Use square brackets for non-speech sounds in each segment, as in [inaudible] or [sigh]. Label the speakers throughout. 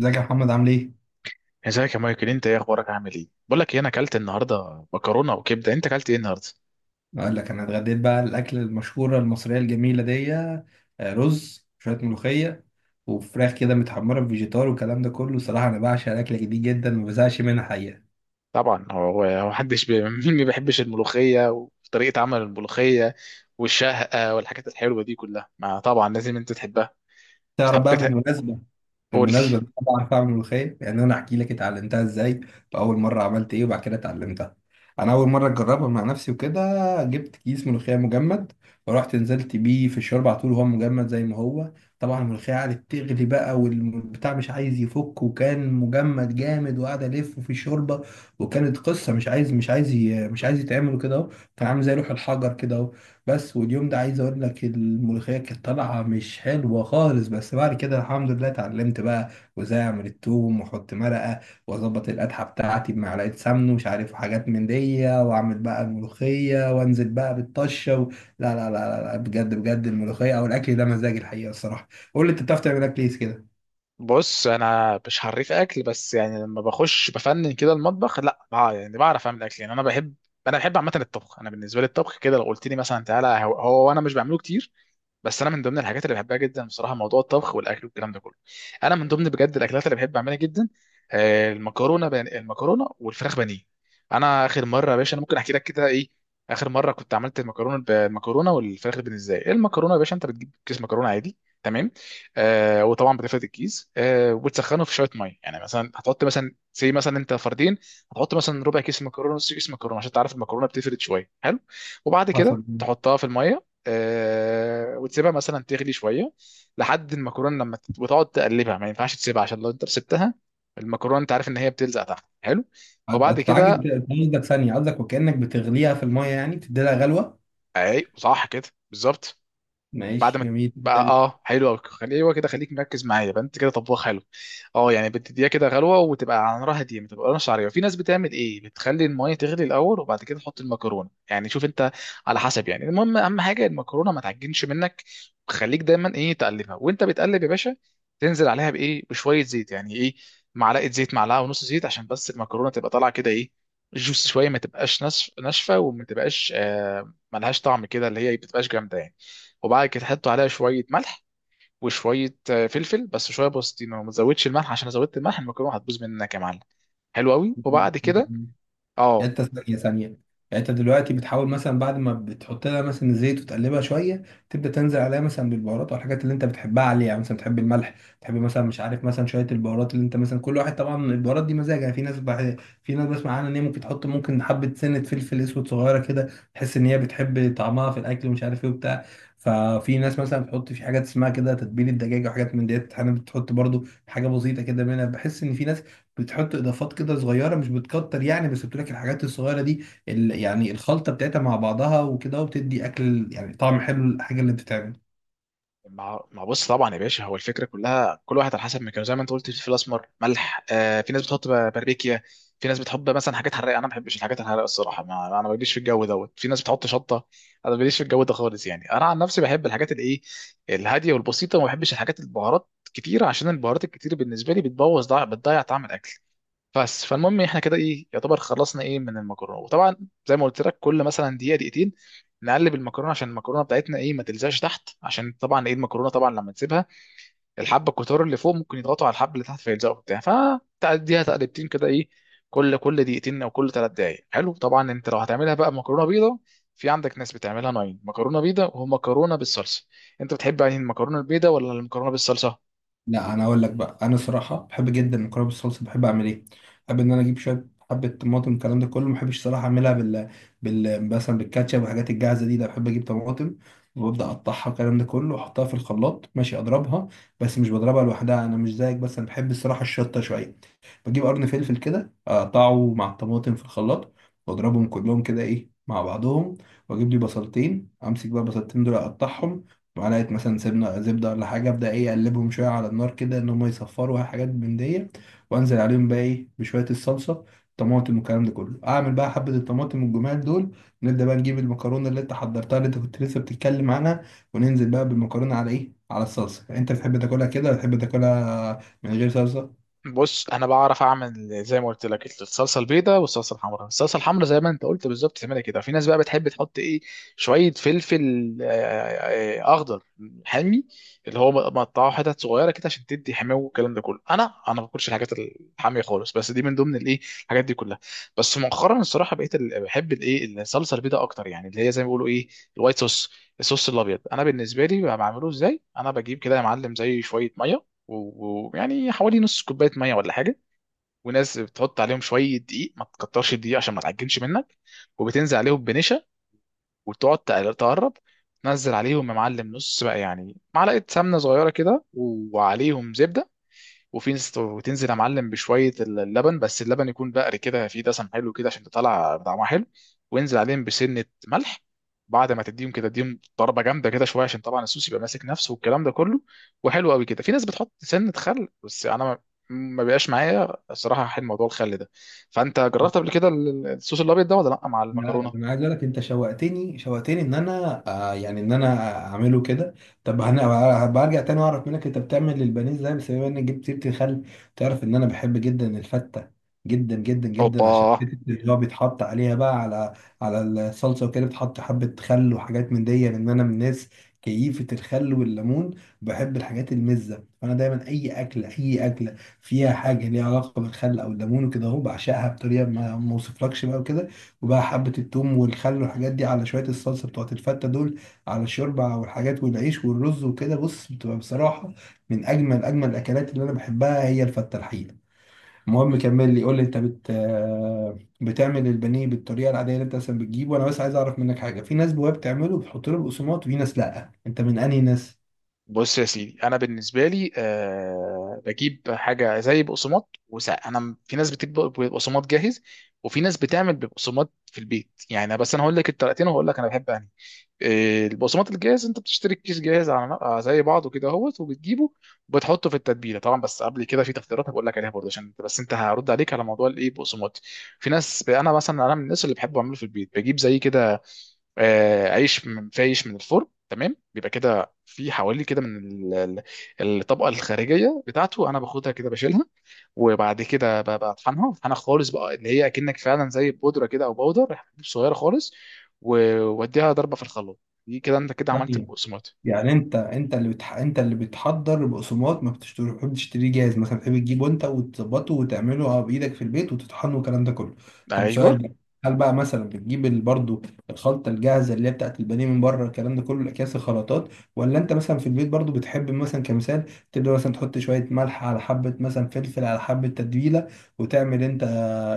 Speaker 1: ازيك يا محمد عامل ايه؟
Speaker 2: ازيك يا مايكل؟ انت ايه اخبارك؟ عامل ايه؟ بقول لك ايه، انا اكلت النهارده مكرونه وكبده. انت اكلت ايه النهارده؟
Speaker 1: اقول لك انا اتغديت بقى الاكل المشهوره المصريه الجميله دي رز شويه ملوخيه وفراخ كده متحمره بفيجيتار والكلام ده كله. صراحه انا بعشق الاكله دي جدا، ما بزهقش منها حقيقه.
Speaker 2: طبعا هو هو [laughs] مين ما بيحبش الملوخيه وطريقه عمل الملوخيه والشهقه والحاجات الحلوه دي كلها؟ ما طبعا لازم انت تحبها.
Speaker 1: تعرف
Speaker 2: بتحب
Speaker 1: بقى
Speaker 2: تح-
Speaker 1: بالمناسبه
Speaker 2: قول لي.
Speaker 1: بالمناسبة أنا بعرف أعمل ملوخية. يعني أنا أحكي لك اتعلمتها إزاي وأول مرة عملت إيه وبعد كده اتعلمتها. أنا أول مرة أجربها مع نفسي، وكده جبت كيس ملوخية مجمد ورحت نزلت بيه في الشوربة على طول وهو مجمد زي ما هو. طبعا الملوخية قعدت تغلي بقى والبتاع مش عايز يفك، وكان مجمد جامد وقعد ألف في الشوربة. وكانت قصة، مش عايز يتعمل كده أهو. كان عامل زي لوح الحجر كده. بس واليوم ده عايز اقول لك، الملوخيه كانت طالعه مش حلوه خالص. بس بعد كده الحمد لله اتعلمت بقى، وازاي اعمل التوم واحط مرقه واظبط القدحه بتاعتي بمعلقه سمن ومش عارف حاجات من دي، واعمل بقى الملوخيه وانزل بقى بالطشه و... لا لا لا لا لا، بجد بجد، الملوخيه او الاكل ده مزاج الحقيقه الصراحه. قول لي انت، بتعرف تعمل اكل ايه كده؟
Speaker 2: بص، انا مش حريف اكل، بس يعني لما بخش بفنن كده المطبخ لا بع- يعني بعرف اعمل اكل. يعني انا بحب، انا بحب عامه الطبخ. انا بالنسبه لي الطبخ كده لو قلت لي مثلا تعالى، هو, هو انا مش بعمله كتير، بس انا من ضمن الحاجات اللي بحبها جدا بصراحه، موضوع الطبخ والاكل والكلام ده كله. انا من ضمن بجد الاكلات اللي بحب اعملها جدا، آه، المكرونه والفراخ بانيه. انا اخر مره يا باشا، انا ممكن احكي لك كده ايه. اخر مره كنت عملت المكرونه والفراخ بانيه. ازاي المكرونه يا باشا؟ انت بتجيب كيس مكرونه عادي، تمام، آه، وطبعا بتفرد الكيس، آه، وبتسخنه في شويه ميه، يعني مثلا هتحط مثلا زي مثلا انت فردين، هتحط مثلا ربع كيس مكرونه، نص كيس مكرونه عشان تعرف المكرونه بتفرد شويه. حلو. وبعد كده
Speaker 1: حصل.
Speaker 2: تحطها في الميه، آه، وتسيبها مثلا تغلي شويه لحد المكرونه وتقعد تقلبها. ما ينفعش تسيبها عشان لو انت سبتها المكرونه، انت عارف ان هي بتلزق تحت. حلو، وبعد
Speaker 1: هتتعجب
Speaker 2: كده
Speaker 1: أنت، قصدك ثانيه، قصدك وكانك بتغليها في الميه، يعني بتدي لها غلوه.
Speaker 2: اي صح كده بالظبط. بعد
Speaker 1: ماشي
Speaker 2: ما
Speaker 1: جميل.
Speaker 2: بقى اه حلو قوي. ايوه كده، خليك مركز معايا بقى، انت كده طباخ حلو. اه يعني بتديها كده غلوه وتبقى على نار هاديه ما تبقاش عريضه. في ناس بتعمل ايه، بتخلي الميه تغلي الاول وبعد كده تحط المكرونه، يعني شوف انت على حسب، يعني المهم اهم حاجه المكرونه ما تعجنش منك. خليك دايما ايه تقلبها، وانت بتقلب يا باشا تنزل عليها بايه، بشويه زيت، يعني ايه، معلقه زيت، معلقه ونص زيت عشان بس المكرونه تبقى طالعه كده ايه، جوس شويه، ما ناشفه، وما تبقاش آه ملهاش طعم كده، اللي هي بتبقاش جامده يعني. وبعد كده تحطوا عليها شويه ملح وشويه آه، فلفل، بس شويه بوستينو، ما تزودش الملح عشان لو زودت الملح المكرونه هتبوظ منك يا معلم. حلو قوي.
Speaker 1: [laughs]
Speaker 2: وبعد كده
Speaker 1: تاني؟ يعني
Speaker 2: اه.
Speaker 1: انت ثانية ثانية، يعني انت دلوقتي بتحاول مثلا بعد ما بتحط لها مثلا زيت وتقلبها شوية، تبدأ تنزل عليها مثلا بالبهارات والحاجات اللي انت بتحبها عليها. يعني مثلا بتحب الملح، بتحب مثلا مش عارف مثلا شوية البهارات اللي انت مثلا، كل واحد طبعا البهارات دي مزاج. يعني في ناس في ناس بسمع عنها ان هي ممكن تحط، ممكن حبة سنة فلفل اسود صغيرة كده، تحس ان هي بتحب طعمها في الاكل، ومش عارف ايه وبتاع. ففي ناس مثلا بتحط في حاجات اسمها كده تتبيل الدجاج وحاجات من ديت. انا بتحط برضو حاجة بسيطة كده منها. بحس ان في ناس بتحط اضافات كده صغيره، مش بتكتر يعني، بس بتقول لك الحاجات الصغيره دي، يعني الخلطه بتاعتها مع بعضها وكده، وبتدي اكل يعني طعم حلو للحاجه اللي بتتعمل.
Speaker 2: مع بص، طبعا يا باشا هو الفكره كلها كل واحد على حسب مكانه. زي ما انت قلت فلفل اسمر، ملح، آه، في ناس باربيكيا، في ناس بتحط مثلا حاجات حراقه. انا ما بحبش الحاجات الحراقه الصراحه، ما انا ماليش في الجو دوت. في ناس بتحط شطه، انا ماليش في الجو ده خالص. يعني انا عن نفسي بحب الحاجات الايه الهاديه والبسيطه، وما بحبش الحاجات البهارات كتير، عشان البهارات الكتير بالنسبه لي بتضيع طعم الاكل. بس فالمهم احنا كده ايه يعتبر خلصنا ايه من المكرونه. وطبعا زي ما قلت لك كل مثلا دقيقه دقيقتين نقلب المكرونه عشان المكرونه بتاعتنا ايه ما تلزقش تحت، عشان طبعا ايه المكرونه طبعا لما تسيبها الحبه الكتار اللي فوق ممكن يضغطوا على الحبه اللي تحت فيلزقوا بتاع، فتعديها تقلبتين كده ايه كل دقيقتين او كل 3 دقائق. حلو. طبعا انت لو هتعملها بقى مكرونه بيضه، في عندك ناس بتعملها ناين مكرونه بيضه ومكرونه بالصلصه. انت بتحب يعني المكرونه البيضه ولا المكرونه بالصلصه؟
Speaker 1: لا انا اقول لك بقى، انا صراحه بحب جدا المكرونه بالصلصه. بحب اعمل ايه؟ بحب ان انا اجيب شويه حبه طماطم، الكلام ده كله. ما بحبش صراحه اعملها بال مثلا بالكاتشب والحاجات الجاهزه دي. ده بحب اجيب طماطم وببدا اقطعها الكلام ده كله، واحطها في الخلاط ماشي اضربها. بس مش بضربها لوحدها، انا مش زيك، بس انا بحب الصراحه الشطه شويه. بجيب قرن فلفل كده اقطعه مع الطماطم في الخلاط واضربهم كلهم كده ايه مع بعضهم. واجيب لي بصلتين، امسك بقى البصلتين دول اقطعهم، معلقة مثلا سمنة زبدة ولا حاجة، أبدأ إيه، أقلبهم شوية على النار كده إن هما يصفروا، حاجات من دي. وأنزل عليهم بقى إيه بشوية الصلصة، طماطم والكلام ده كله. أعمل بقى حبة الطماطم والجمال دول، نبدأ بقى نجيب المكرونة اللي أنت حضرتها، اللي أنت كنت لسه بتتكلم عنها، وننزل بقى بالمكرونة على إيه، على الصلصة. أنت بتحب تاكلها كده ولا بتحب تاكلها من غير صلصة؟
Speaker 2: بص انا بعرف اعمل، زي ما قلت لك، الصلصه البيضاء والصلصه الحمراء. الصلصه الحمراء زي ما انت قلت بالظبط تعملها كده. في ناس بقى بتحب تحط ايه شويه فلفل آه، آه، اخضر حامي اللي هو مقطعه حتت صغيره كده عشان تدي حماوه والكلام ده كله. انا ما باكلش الحاجات الحاميه خالص، بس دي من ضمن الايه الحاجات دي كلها. بس مؤخرا الصراحه بحب الايه الصلصه البيضاء اكتر، يعني اللي هي زي ما بيقولوا ايه الوايت صوص. الصوص الابيض انا بالنسبه لي بعمله ازاي؟ انا بجيب كده يا معلم زي شويه ميه، ويعني حوالي نص كوبايه ميه ولا حاجه. وناس بتحط عليهم شويه دقيق، ما تكترش الدقيق عشان ما تعجنش منك. وبتنزل عليهم بنشا، تقرب تنزل عليهم يا معلم نص بقى، يعني معلقه سمنه صغيره كده وعليهم زبده. وفي ناس وتنزل يا معلم بشويه اللبن، بس اللبن يكون بقري كده فيه دسم حلو كده عشان تطلع طعمها حلو. وانزل عليهم بسنه ملح. بعد ما تديهم كده اديهم ضربه جامده كده شويه عشان طبعا الصوص يبقى ماسك نفسه والكلام ده كله. وحلو قوي كده. في ناس بتحط سنه خل بس انا، ما ما بيبقاش معايا الصراحه حل موضوع الخل ده. فانت جربت قبل كده الصوص الابيض ده ولا لا مع
Speaker 1: لا
Speaker 2: المكرونه؟
Speaker 1: انا عايز اقول لك، انت شوقتني شوقتني ان انا آه يعني ان انا اعمله كده. طب هبقى ارجع تاني واعرف منك انت بتعمل البانيه ازاي. بس بما انك جبت سيره الخل، تعرف ان انا بحب جدا الفته، جدا جدا جدا،
Speaker 2: اوبا.
Speaker 1: عشان حته اللي هو بيتحط عليها بقى على على الصلصه وكده، بتحط حبه خل وحاجات من دي. لان انا من الناس كيفه الخل والليمون، بحب الحاجات المزه. فانا دايما اي اكله، اي اكله فيها حاجه ليها علاقه بالخل او الليمون وكده اهو، بعشقها بطريقه ما ما اوصفلكش بقى وكده. وبقى حبة التوم والخل والحاجات دي على شوية الصلصة بتوعت الفتة دول، على الشوربة والحاجات والعيش والرز وكده، بص بتبقى بصراحة من أجمل أجمل الأكلات اللي أنا بحبها، هي الفتة الحقيقة. المهم كمل لي، قول لي أنت بت آه، بتعمل البانيه بالطريقة العادية اللي أنت أصلا بتجيبه. وأنا بس عايز أعرف منك حاجة، في ناس بواب بتعمله بتحط له البقسماط، وفي ناس لأ. أنت من أنهي ناس؟
Speaker 2: بص يا سيدي، انا بالنسبه لي أه بجيب حاجه زي بقسماط، وساعة انا في ناس بتجيب بقسماط جاهز وفي ناس بتعمل بقسماط في البيت. يعني أنا بس انا هقول لك الطريقتين وهقول لك انا بحب انهي. آه، البقسماط الجاهز انت بتشتري الكيس جاهز آه، زي بعضه كده اهوت وبتجيبه وبتحطه في التتبيله طبعا. بس قبل كده في تفطيرات هقول لك عليها برضه، عشان انت بس انت هرد عليك على موضوع الايه بقسماط. في ناس، انا مثلا انا من الناس اللي بحب اعمله في البيت، بجيب زي كده آه، عيش في عيش من الفرن تمام. بيبقى كده في حوالي كده من ال- الطبقه الخارجيه بتاعته انا باخدها كده بشيلها، وبعد كده بطحنها، بطحنها خالص بقى اللي هي اكنك فعلا زي بودره كده او باودر حتت صغيره خالص، و- واديها ضربه في الخلاط. دي كده انت كده عملت البقسماط.
Speaker 1: يعني انت انت اللي انت اللي بتحضر بقسماط، ما بتشتري- بتحبش تشتريه جاهز، مثلا بتحب تجيبه انت وتظبطه وتعمله اه بايدك في البيت وتطحنه والكلام ده كله. طب سؤال
Speaker 2: ايوه.
Speaker 1: بقى، هل بقى مثلا بتجيب برضو الخلطه الجاهزه اللي هي بتاعت البانيه من بره، الكلام ده كله، الاكياس الخلطات؟ ولا انت مثلا في البيت برضو بتحب مثلا كمثال تبدا مثلا تحط شويه ملح على حبه مثلا فلفل على حبه تتبيله، وتعمل انت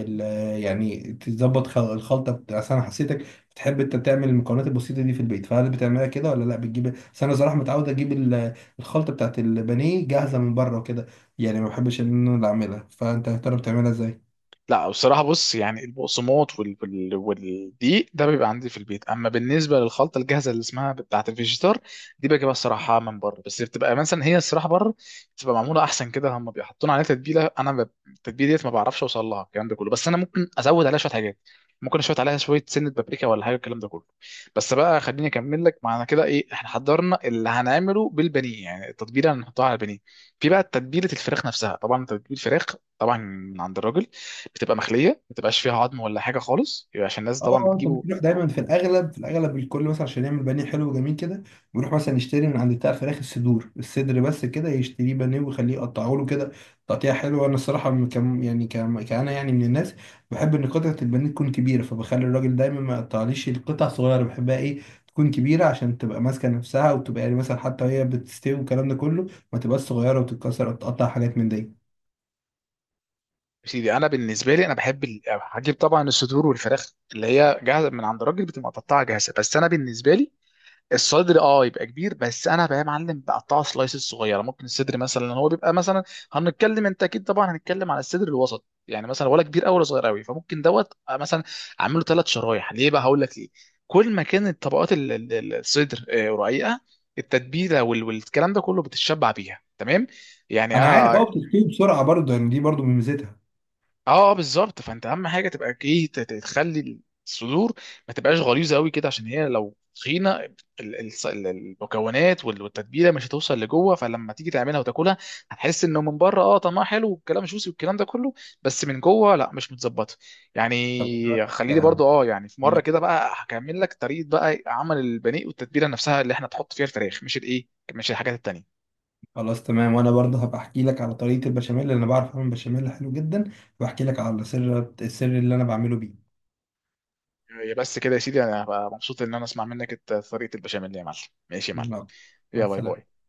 Speaker 1: ال... يعني تظبط الخلطه أصل انا حسيتك بتحب انت تعمل المكونات البسيطه دي في البيت. فهل بتعملها كده ولا لا بتجيب؟ بس انا صراحه متعود اجيب الخلطه بتاعت البانيه جاهزه من بره وكده، يعني ما بحبش ان انا اللي اعملها. فانت يا ترى بتعملها ازاي؟
Speaker 2: لا بصراحة، بص يعني البقسماط والدقيق ده بيبقى عندي في البيت. أما بالنسبة للخلطة الجاهزة اللي اسمها بتاعة الفيجيتار، دي بجيبها الصراحة من بره. بس بتبقى مثلا هي الصراحة بره بتبقى معمولة أحسن كده، هم بيحطون عليها تتبيلة. أنا التتبيلة ديت ما بعرفش أوصل لها الكلام ده كله. بس أنا ممكن أزود عليها شوية حاجات، ممكن اشوط عليها شويه سنه بابريكا ولا حاجه الكلام ده كله. بس بقى خليني اكمل لك معنا كده ايه احنا حضرنا اللي هنعمله بالبانيه، يعني التتبيله اللي هنحطها على البانيه. في بقى تتبيله الفراخ نفسها. طبعا تتبيله الفراخ طبعا من عند الراجل بتبقى مخليه، ما بتبقاش فيها عظم ولا حاجه خالص يبقى، عشان الناس طبعا
Speaker 1: اه انت
Speaker 2: بتجيبه.
Speaker 1: بتروح دايما في الاغلب، في الاغلب الكل مثلا عشان يعمل بانيه حلو وجميل كده، بيروح مثلا يشتري من عند بتاع الفراخ الصدور، الصدر بس كده يشتريه بانيه ويخليه يقطعه له كده تقطيعه حلوه. انا الصراحه كم يعني كم كأنا يعني من الناس بحب ان قطعه البانيه تكون كبيره، فبخلي الراجل دايما ما يقطعليش القطع صغيره. بحبها ايه، تكون كبيره، عشان تبقى ماسكه نفسها وتبقى يعني مثلا حتى وهي بتستوي والكلام ده كله، ما تبقاش صغيره وتتكسر او تقطع حاجات من دي.
Speaker 2: يا سيدي انا بالنسبه لي انا بحب هجيب طبعا الصدور والفراخ اللي هي جاهزه من عند الراجل بتبقى متقطعه جاهزه. بس انا بالنسبه لي الصدر اه يبقى كبير، بس انا بقى يا معلم بقطعه سلايسز صغيره. ممكن الصدر مثلا هو بيبقى مثلا، هنتكلم انت اكيد طبعا هنتكلم على الصدر الوسط يعني، مثلا ولا كبير قوي ولا صغير قوي، فممكن دوت مثلا اعمله 3 شرايح. ليه بقى؟ هقول لك ليه. كل ما كانت طبقات الصدر آه، رقيقه، التتبيله والكلام ده كله بتتشبع بيها تمام يعني.
Speaker 1: انا عارف اه، بتستوي بسرعه برضه، يعني دي برضه من ميزتها.
Speaker 2: اه آه، بالظبط. فانت اهم حاجه تبقى ايه تخلي الصدور ما تبقاش غليظه قوي كده، عشان هي لو تخينه المكونات والتتبيله مش هتوصل لجوه. فلما تيجي تعملها وتاكلها هتحس انه من بره اه طعمها حلو والكلام جوسي والكلام ده كله، بس من جوه لا مش متظبطه
Speaker 1: طب أنا هقول
Speaker 2: يعني.
Speaker 1: لك
Speaker 2: خليني برضو اه يعني في مره
Speaker 1: آه،
Speaker 2: كده بقى هكمل لك طريقه بقى عمل البانيه والتتبيله نفسها اللي احنا تحط فيها الفراخ، مش الايه، مش الحاجات التانيه.
Speaker 1: خلاص تمام. وانا برضه هبقى احكي لك على طريقه البشاميل، اللي انا بعرف اعمل بشاميل حلو جدا، واحكي لك على سر السر اللي انا بعمله بيه.
Speaker 2: هي بس كده يا سيدي انا هبقى مبسوط ان انا اسمع منك طريقه البشاميل يا معلم. ماشي يا معلم.
Speaker 1: يلا مع
Speaker 2: يلا باي
Speaker 1: السلامه.
Speaker 2: باي.